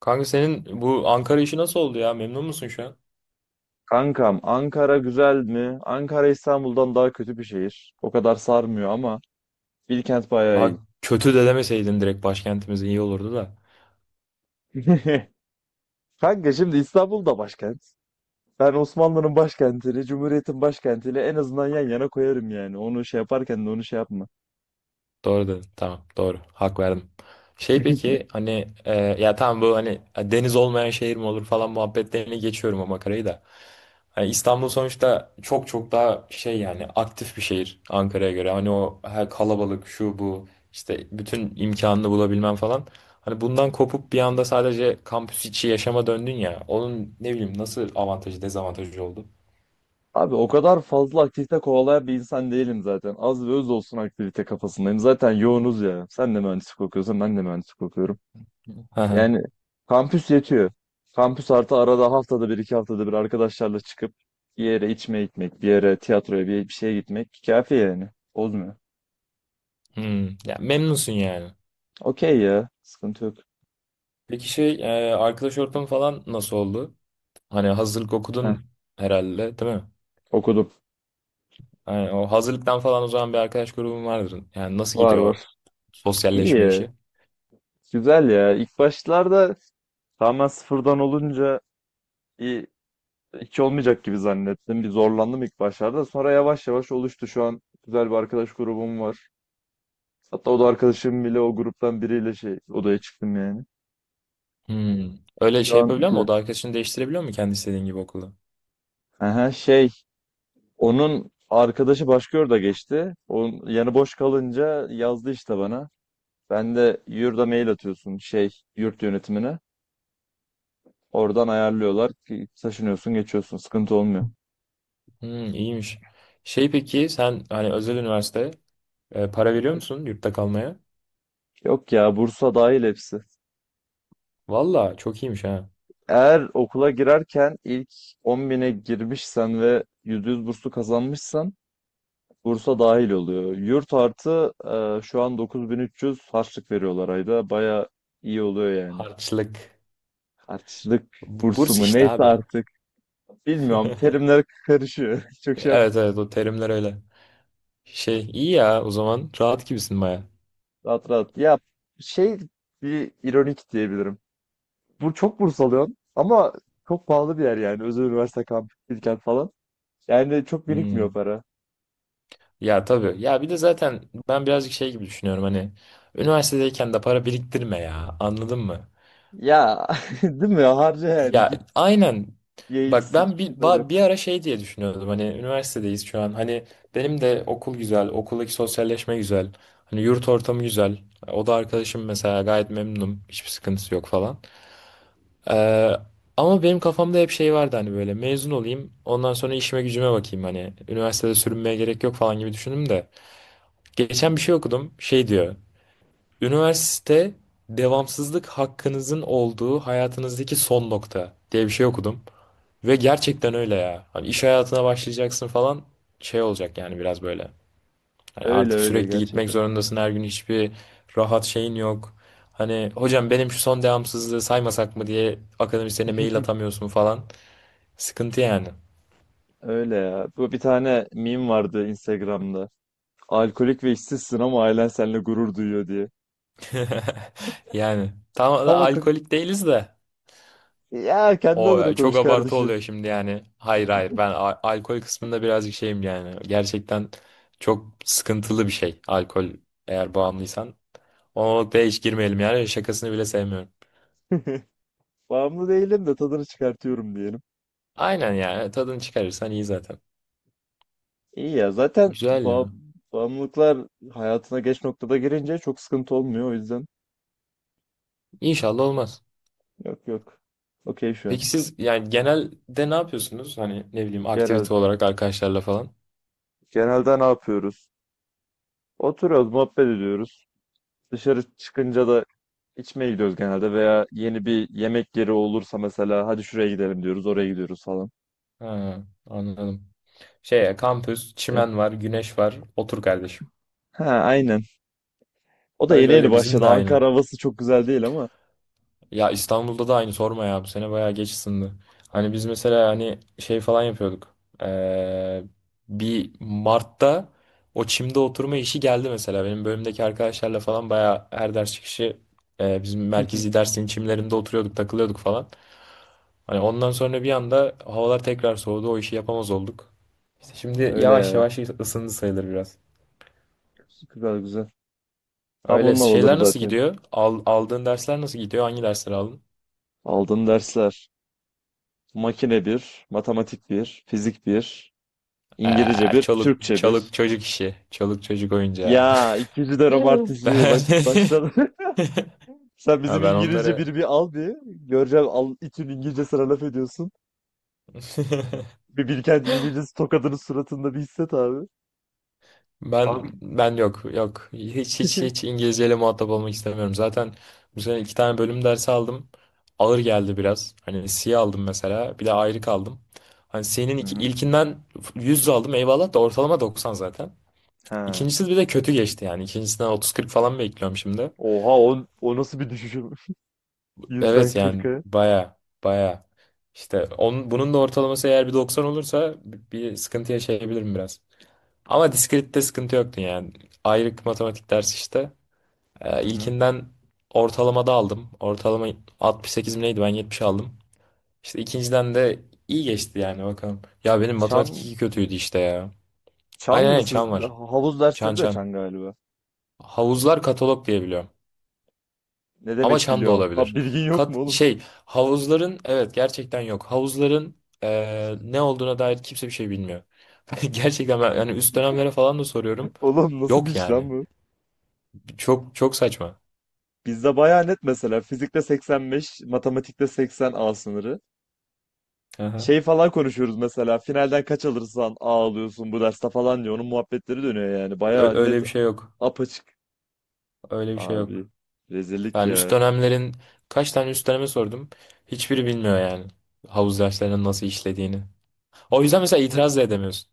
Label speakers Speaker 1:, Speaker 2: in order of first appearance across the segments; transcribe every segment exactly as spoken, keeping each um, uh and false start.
Speaker 1: Kanka senin bu Ankara işi nasıl oldu ya? Memnun musun şu an?
Speaker 2: Kankam Ankara güzel mi? Ankara İstanbul'dan daha kötü bir şehir. O kadar sarmıyor ama Bilkent bayağı
Speaker 1: Daha
Speaker 2: iyi.
Speaker 1: kötü de demeseydin direkt başkentimiz iyi olurdu da.
Speaker 2: Kanka şimdi İstanbul da başkent. Ben Osmanlı'nın başkentini, Cumhuriyet'in başkentini en azından yan yana koyarım yani. Onu şey yaparken de onu şey yapma.
Speaker 1: Doğru dedin. Tamam. Doğru. Hak verdim. Şey peki hani e, ya tamam bu hani e, deniz olmayan şehir mi olur falan muhabbetlerini geçiyorum o makarayı da. Yani İstanbul sonuçta çok çok daha şey, yani aktif bir şehir Ankara'ya göre. Hani o her kalabalık, şu bu, işte bütün imkanını bulabilmem falan. Hani bundan kopup bir anda sadece kampüs içi yaşama döndün ya. Onun ne bileyim nasıl avantajı dezavantajı oldu?
Speaker 2: Abi o kadar fazla aktivite kovalayan bir insan değilim zaten. Az ve öz olsun aktivite kafasındayım. Zaten yoğunuz ya. Sen de mühendislik okuyorsun, ben de mühendislik okuyorum.
Speaker 1: Hı hı.
Speaker 2: Yani kampüs yetiyor. Kampüs artı arada haftada bir iki haftada bir arkadaşlarla çıkıp bir yere içmeye gitmek, bir yere tiyatroya bir, bir şeye gitmek kafi yani. Bozmuyor.
Speaker 1: Hmm. Ya memnunsun yani.
Speaker 2: Okey ya. Sıkıntı yok.
Speaker 1: Peki şey e, arkadaş ortamı falan nasıl oldu? Hani hazırlık
Speaker 2: Heh,
Speaker 1: okudun herhalde, değil mi?
Speaker 2: okudum.
Speaker 1: Yani o hazırlıktan falan, o zaman bir arkadaş grubun vardır. Yani nasıl
Speaker 2: Var
Speaker 1: gidiyor
Speaker 2: var.
Speaker 1: o
Speaker 2: İyi
Speaker 1: sosyalleşme
Speaker 2: ya.
Speaker 1: işi?
Speaker 2: Güzel ya. İlk başlarda tamamen sıfırdan olunca iyi, hiç olmayacak gibi zannettim. Bir zorlandım ilk başlarda. Sonra yavaş yavaş oluştu. Şu an güzel bir arkadaş grubum var. Hatta o da arkadaşım bile o gruptan biriyle şey odaya çıktım yani.
Speaker 1: Hmm. Öyle
Speaker 2: Şu
Speaker 1: şey
Speaker 2: an
Speaker 1: yapabiliyor mu?
Speaker 2: güzel.
Speaker 1: O da arkadaşını değiştirebiliyor mu kendi istediğin gibi okulda?
Speaker 2: Aha, şey onun arkadaşı başka yurda geçti. Onun yanı boş kalınca yazdı işte bana. Ben de yurda mail atıyorsun şey yurt yönetimine. Oradan ayarlıyorlar ki taşınıyorsun geçiyorsun sıkıntı olmuyor.
Speaker 1: Hmm, iyiymiş. Şey peki sen hani özel üniversite, e, para veriyor musun yurtta kalmaya?
Speaker 2: Yok ya Bursa dahil hepsi.
Speaker 1: Valla çok iyiymiş ha.
Speaker 2: Eğer okula girerken ilk on bine girmişsen ve yüzde yüz burslu kazanmışsan Bursa dahil oluyor. Yurt artı e, şu an dokuz bin üç yüz harçlık veriyorlar ayda. Baya iyi oluyor yani.
Speaker 1: Harçlık.
Speaker 2: Harçlık
Speaker 1: B-
Speaker 2: bursu
Speaker 1: Burs
Speaker 2: mu
Speaker 1: işte
Speaker 2: neyse
Speaker 1: abi.
Speaker 2: artık. Bilmiyorum terimler karışıyor. Çok şey
Speaker 1: Evet
Speaker 2: yapmıyorum.
Speaker 1: evet, o terimler öyle. Şey iyi ya, o zaman rahat gibisin baya.
Speaker 2: Rahat rahat. Ya şey bir ironik diyebilirim. Bu çok burs alıyorum ama çok pahalı bir yer yani. Özel üniversite kampüs, Bilkent falan. Yani çok birikmiyor
Speaker 1: Hmm.
Speaker 2: para.
Speaker 1: Ya tabii. Ya bir de zaten ben birazcık şey gibi düşünüyorum, hani üniversitedeyken de para biriktirme ya. Anladın mı?
Speaker 2: Ya değil mi? Harca yani.
Speaker 1: Ya
Speaker 2: Git
Speaker 1: aynen.
Speaker 2: ye iç
Speaker 1: Bak
Speaker 2: sıç
Speaker 1: ben bir
Speaker 2: bir şeyler yap.
Speaker 1: ba- bir ara şey diye düşünüyordum. Hani üniversitedeyiz şu an. Hani benim de okul güzel, okuldaki sosyalleşme güzel. Hani yurt ortamı güzel. O da arkadaşım mesela, gayet memnunum. Hiçbir sıkıntısı yok falan. Ee, ama benim kafamda hep şey vardı, hani böyle mezun olayım. Ondan sonra işime gücüme bakayım hani. Üniversitede sürünmeye gerek yok falan gibi düşündüm de. Geçen bir şey okudum. Şey diyor. Üniversite devamsızlık hakkınızın olduğu hayatınızdaki son nokta diye bir şey okudum. Ve gerçekten öyle ya. Hani iş hayatına başlayacaksın falan, şey olacak yani biraz böyle. Hani
Speaker 2: Öyle
Speaker 1: artık
Speaker 2: öyle
Speaker 1: sürekli gitmek
Speaker 2: gerçekten.
Speaker 1: zorundasın her gün, hiçbir rahat şeyin yok. Hani hocam benim şu son devamsızlığı saymasak mı diye akademisyene mail atamıyorsun falan. Sıkıntı yani.
Speaker 2: Öyle ya. Bu bir tane meme vardı Instagram'da. Alkolik ve işsizsin ama ailen seninle gurur duyuyor diye.
Speaker 1: Yani tam da
Speaker 2: Tam o kız,
Speaker 1: alkolik değiliz de.
Speaker 2: ya kendi adına
Speaker 1: O çok
Speaker 2: konuş
Speaker 1: abartı
Speaker 2: kardeşim.
Speaker 1: oluyor şimdi yani. Hayır hayır, ben a- alkol kısmında birazcık şeyim yani. Gerçekten çok sıkıntılı bir şey alkol, eğer bağımlıysan. O noktaya hiç girmeyelim yani, şakasını bile sevmiyorum.
Speaker 2: Bağımlı değilim de tadını çıkartıyorum diye.
Speaker 1: Aynen, yani tadını çıkarırsan iyi zaten.
Speaker 2: İyi ya zaten
Speaker 1: Güzel
Speaker 2: ba-
Speaker 1: ya.
Speaker 2: bağımlılıklar hayatına geç noktada girince çok sıkıntı olmuyor o yüzden
Speaker 1: İnşallah olmaz.
Speaker 2: yok yok. Okey şu an.
Speaker 1: Peki siz yani genelde ne yapıyorsunuz? Hani ne bileyim,
Speaker 2: Genel,
Speaker 1: aktivite olarak arkadaşlarla falan.
Speaker 2: genelde ne yapıyoruz? Oturuyoruz, muhabbet ediyoruz. Dışarı çıkınca da içmeye gidiyoruz genelde veya yeni bir yemek yeri olursa mesela hadi şuraya gidelim diyoruz, oraya gidiyoruz falan.
Speaker 1: Ha, anladım. Şey kampüs,
Speaker 2: Eh,
Speaker 1: çimen var, güneş var. Otur kardeşim.
Speaker 2: Ha aynen. O da yeni
Speaker 1: Öyle
Speaker 2: yeni
Speaker 1: öyle, bizim
Speaker 2: başladı.
Speaker 1: de aynı.
Speaker 2: Ankara havası çok güzel değil ama.
Speaker 1: Ya İstanbul'da da aynı, sorma ya, bu sene bayağı geç ısındı. Hani biz mesela hani şey falan yapıyorduk. Ee, bir Mart'ta o çimde oturma işi geldi mesela. Benim bölümdeki arkadaşlarla falan bayağı her ders çıkışı e, bizim merkezi dersin çimlerinde oturuyorduk, takılıyorduk falan. Hani ondan sonra bir anda havalar tekrar soğudu, o işi yapamaz olduk. İşte şimdi
Speaker 2: Öyle
Speaker 1: yavaş
Speaker 2: ya.
Speaker 1: yavaş ısındı sayılır biraz.
Speaker 2: Güzel güzel. Tam
Speaker 1: Öyle
Speaker 2: onun havaları
Speaker 1: şeyler nasıl
Speaker 2: zaten.
Speaker 1: gidiyor? Al- aldığın dersler nasıl gidiyor? Hangi dersleri aldın?
Speaker 2: Aldığım dersler. Makine bir, matematik bir, fizik bir, İngilizce
Speaker 1: Aa,
Speaker 2: bir,
Speaker 1: çoluk
Speaker 2: Türkçe
Speaker 1: çoluk
Speaker 2: bir.
Speaker 1: çocuk işi. Çoluk çocuk oyuncağı.
Speaker 2: Ya ikinci de
Speaker 1: Ben.
Speaker 2: artistliği bak başladı. Sen
Speaker 1: Ha,
Speaker 2: bizim
Speaker 1: ben
Speaker 2: İngilizce
Speaker 1: onları,
Speaker 2: biri bir al bir. Göreceğim al, İTÜ'nün İngilizce sana laf ediyorsun. Bir Bilkent İngilizcesi tokadının suratında bir hisset abi.
Speaker 1: ben
Speaker 2: Abi.
Speaker 1: ben yok yok hiç hiç hiç İngilizceyle muhatap olmak istemiyorum. Zaten bu sene iki tane bölüm dersi aldım. Ağır geldi biraz. Hani C aldım mesela. Bir de ayrı kaldım. Hani C'nin
Speaker 2: Hı
Speaker 1: iki,
Speaker 2: hı.
Speaker 1: ilkinden yüz aldım eyvallah, da ortalama doksan zaten.
Speaker 2: Ha.
Speaker 1: İkincisi bir de kötü geçti yani. İkincisinden otuz kırk falan bekliyorum şimdi.
Speaker 2: Oha o, o nasıl bir düşüşüm? Yüzden
Speaker 1: Evet yani
Speaker 2: kırka.
Speaker 1: baya baya, işte onun, bunun da ortalaması eğer bir doksan olursa bir bir sıkıntı yaşayabilirim biraz. Ama diskrette sıkıntı yoktu yani. Ayrık matematik dersi işte.
Speaker 2: Hı
Speaker 1: Ee,
Speaker 2: hı.
Speaker 1: ilkinden ortalamada aldım. Ortalama altmış sekiz mi neydi, ben yetmiş aldım. İşte ikinciden de iyi geçti yani, bakalım. Ya benim matematik
Speaker 2: Çan,
Speaker 1: iki kötüydü işte ya.
Speaker 2: çan
Speaker 1: Aynen
Speaker 2: mı
Speaker 1: aynen,
Speaker 2: siz?
Speaker 1: çan var.
Speaker 2: Havuz
Speaker 1: Çan
Speaker 2: dersleri de
Speaker 1: çan.
Speaker 2: çan galiba.
Speaker 1: Havuzlar katalog diye biliyorum.
Speaker 2: Ne
Speaker 1: Ama
Speaker 2: demek
Speaker 1: çan da
Speaker 2: biliyorum? Ha
Speaker 1: olabilir.
Speaker 2: bilgin yok mu
Speaker 1: Kat,
Speaker 2: oğlum?
Speaker 1: şey, havuzların evet gerçekten yok. Havuzların eee, ne olduğuna dair kimse bir şey bilmiyor. Gerçekten ben yani üst dönemlere falan da soruyorum.
Speaker 2: Oğlum nasıl bir
Speaker 1: Yok
Speaker 2: iş
Speaker 1: yani.
Speaker 2: lan bu?
Speaker 1: Çok çok saçma.
Speaker 2: Bizde bayağı net mesela fizikte seksen beş, matematikte seksen A sınırı.
Speaker 1: Aha.
Speaker 2: Şey falan konuşuyoruz mesela finalden kaç alırsan A alıyorsun bu derste falan diyor. Onun muhabbetleri dönüyor yani.
Speaker 1: Ö-
Speaker 2: Bayağı
Speaker 1: öyle
Speaker 2: net
Speaker 1: bir şey yok.
Speaker 2: apaçık.
Speaker 1: Öyle bir şey
Speaker 2: Abi
Speaker 1: yok.
Speaker 2: rezillik
Speaker 1: Ben üst
Speaker 2: ya.
Speaker 1: dönemlerin, kaç tane üst döneme sordum. Hiçbiri bilmiyor yani. Havuz derslerinin nasıl işlediğini. O yüzden mesela itiraz da edemiyorsun.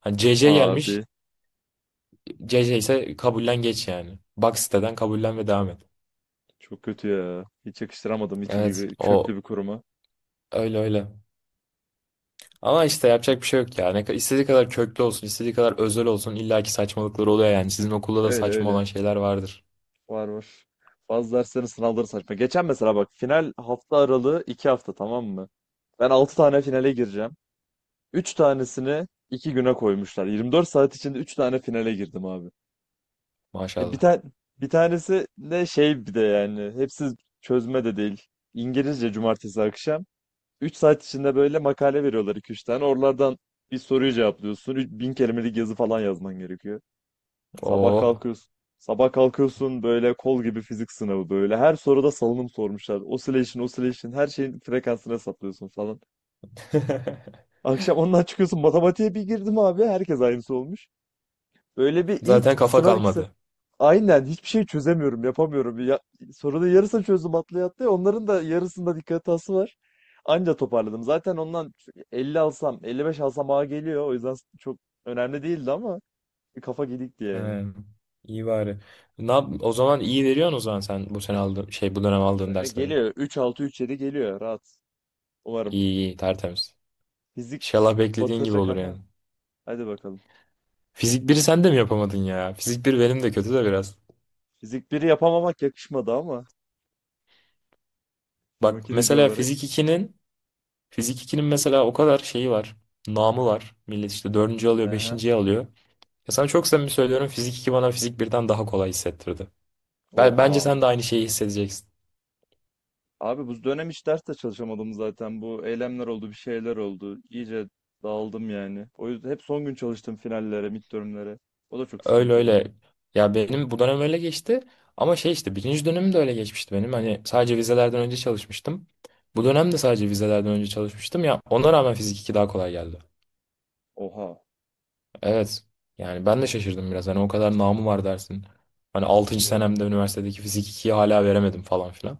Speaker 1: Hani C C gelmiş.
Speaker 2: Abi
Speaker 1: C C ise kabullen geç yani. Bak siteden, kabullen ve devam et.
Speaker 2: çok kötü ya. Hiç yakıştıramadım İTÜ
Speaker 1: Evet,
Speaker 2: gibi köklü
Speaker 1: o.
Speaker 2: bir kuruma.
Speaker 1: Öyle öyle. Ama işte yapacak bir şey yok ya. Ne, ka- istediği kadar köklü olsun, istediği kadar özel olsun, illaki saçmalıkları oluyor yani. Sizin okulda da
Speaker 2: Öyle
Speaker 1: saçma
Speaker 2: öyle.
Speaker 1: olan şeyler vardır.
Speaker 2: Var var. Bazı derslerin sınavları saçma. Geçen mesela bak final hafta aralığı iki hafta tamam mı? Ben altı tane finale gireceğim. Üç tanesini iki güne koymuşlar. Yirmi dört saat içinde üç tane finale girdim abi. E bir
Speaker 1: Maşallah.
Speaker 2: tane bir tanesi de şey bir de yani hepsi çözme de değil. İngilizce cumartesi akşam. Üç saat içinde böyle makale veriyorlar iki üç tane. Oralardan bir soruyu cevaplıyorsun. Üç- Bin kelimelik yazı falan yazman gerekiyor. Sabah
Speaker 1: Oo.
Speaker 2: kalkıyorsun. Sabah kalkıyorsun böyle kol gibi fizik sınavı böyle. Her soruda salınım sormuşlar. Oscillation, oscillation her şeyin frekansını hesaplıyorsun falan. Akşam ondan çıkıyorsun matematiğe bir girdim abi. Herkes aynısı olmuş. Böyle bir ilk
Speaker 1: Zaten kafa
Speaker 2: sınav ikisi.
Speaker 1: kalmadı.
Speaker 2: Aynen hiçbir şey çözemiyorum, yapamıyorum. Ya, sorunun yarısını çözdüm atlaya atlaya. Onların da yarısında dikkat hatası var. Anca toparladım. Zaten ondan elli alsam, elli beş alsam A geliyor. O yüzden çok önemli değildi ama bir kafa gidikti
Speaker 1: He,
Speaker 2: yani.
Speaker 1: iyi bari. Ne yap- o zaman iyi veriyorsun o zaman, sen bu sene aldığın şey, bu dönem aldığın
Speaker 2: Bu
Speaker 1: dersleri.
Speaker 2: geliyor. Üç altı, üç yedi geliyor. Rahat. Umarım.
Speaker 1: İyi iyi, tertemiz.
Speaker 2: Fizik
Speaker 1: İnşallah beklediğin gibi
Speaker 2: batacak
Speaker 1: olur yani.
Speaker 2: ama. Hadi bakalım.
Speaker 1: Fizik biri sen de mi yapamadın ya? Fizik bir benim de kötü de biraz.
Speaker 2: Fizik biri yapamamak yakışmadı ama. Bir
Speaker 1: Bak
Speaker 2: makineci
Speaker 1: mesela
Speaker 2: olarak.
Speaker 1: fizik ikinin. Fizik ikinin mesela o kadar şeyi var. Namı var. Millet işte dördüncü alıyor,
Speaker 2: Aha.
Speaker 1: beşinciyi alıyor. Ya sana çok samimi söylüyorum, Fizik iki bana Fizik birden daha kolay hissettirdi. Ben, bence
Speaker 2: Oha.
Speaker 1: sen de aynı şeyi hissedeceksin.
Speaker 2: Abi bu dönem hiç ders de çalışamadım zaten. Bu eylemler oldu, bir şeyler oldu. İyice dağıldım yani. O yüzden hep son gün çalıştım finallere, midtermlere. O da çok
Speaker 1: Öyle
Speaker 2: sıkıntı oldu.
Speaker 1: öyle. Ya benim bu dönem öyle geçti. Ama şey, işte birinci dönemim de öyle geçmişti benim. Hani sadece vizelerden önce çalışmıştım. Bu dönem de sadece vizelerden önce çalışmıştım. Ya ona rağmen Fizik iki daha kolay geldi.
Speaker 2: Oha.
Speaker 1: Evet. Yani ben de şaşırdım biraz. Hani o kadar namı var dersin. Hani altıncı
Speaker 2: Allah Allah.
Speaker 1: senemde üniversitedeki fizik ikiyi hala veremedim falan filan.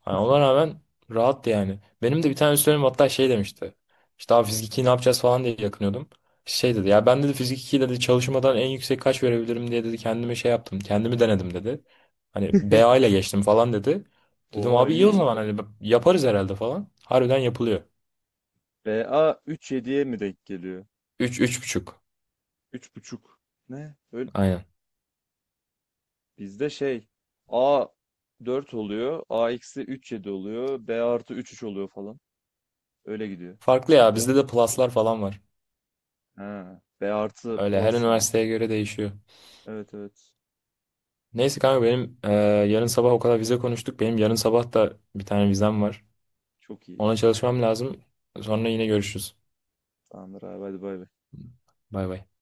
Speaker 1: Hani ona rağmen rahattı yani. Benim de bir tane üstlerim hatta şey demişti. İşte abi fizik ikiyi ne yapacağız falan diye yakınıyordum. Şey dedi ya, ben dedi fizik ikiyi dedi çalışmadan en yüksek kaç verebilirim diye dedi, kendime şey yaptım. Kendimi denedim dedi. Hani B A ile geçtim falan dedi. Dedim
Speaker 2: Oha
Speaker 1: abi iyi o
Speaker 2: iyi.
Speaker 1: zaman, hani yaparız herhalde falan. Harbiden yapılıyor.
Speaker 2: B a B A yediye mi denk geliyor?
Speaker 1: Üç, üç buçuk.
Speaker 2: Üç buçuk. Ne? Öyle.
Speaker 1: Aynen.
Speaker 2: Bizde şey A dört oluyor. A eksi üç virgül yedi oluyor. B artı üç üç oluyor falan. Öyle gidiyor.
Speaker 1: Farklı ya,
Speaker 2: Bizde
Speaker 1: bizde de pluslar falan var.
Speaker 2: ha, B artı
Speaker 1: Öyle, her
Speaker 2: plus mı?
Speaker 1: üniversiteye göre değişiyor.
Speaker 2: Evet evet.
Speaker 1: Neyse kanka benim e, yarın sabah o kadar vize konuştuk. Benim yarın sabah da bir tane vizem var.
Speaker 2: Çok iyi.
Speaker 1: Ona çalışmam lazım. Sonra yine görüşürüz.
Speaker 2: Tamamdır abi hadi bay bay.
Speaker 1: Bay bay.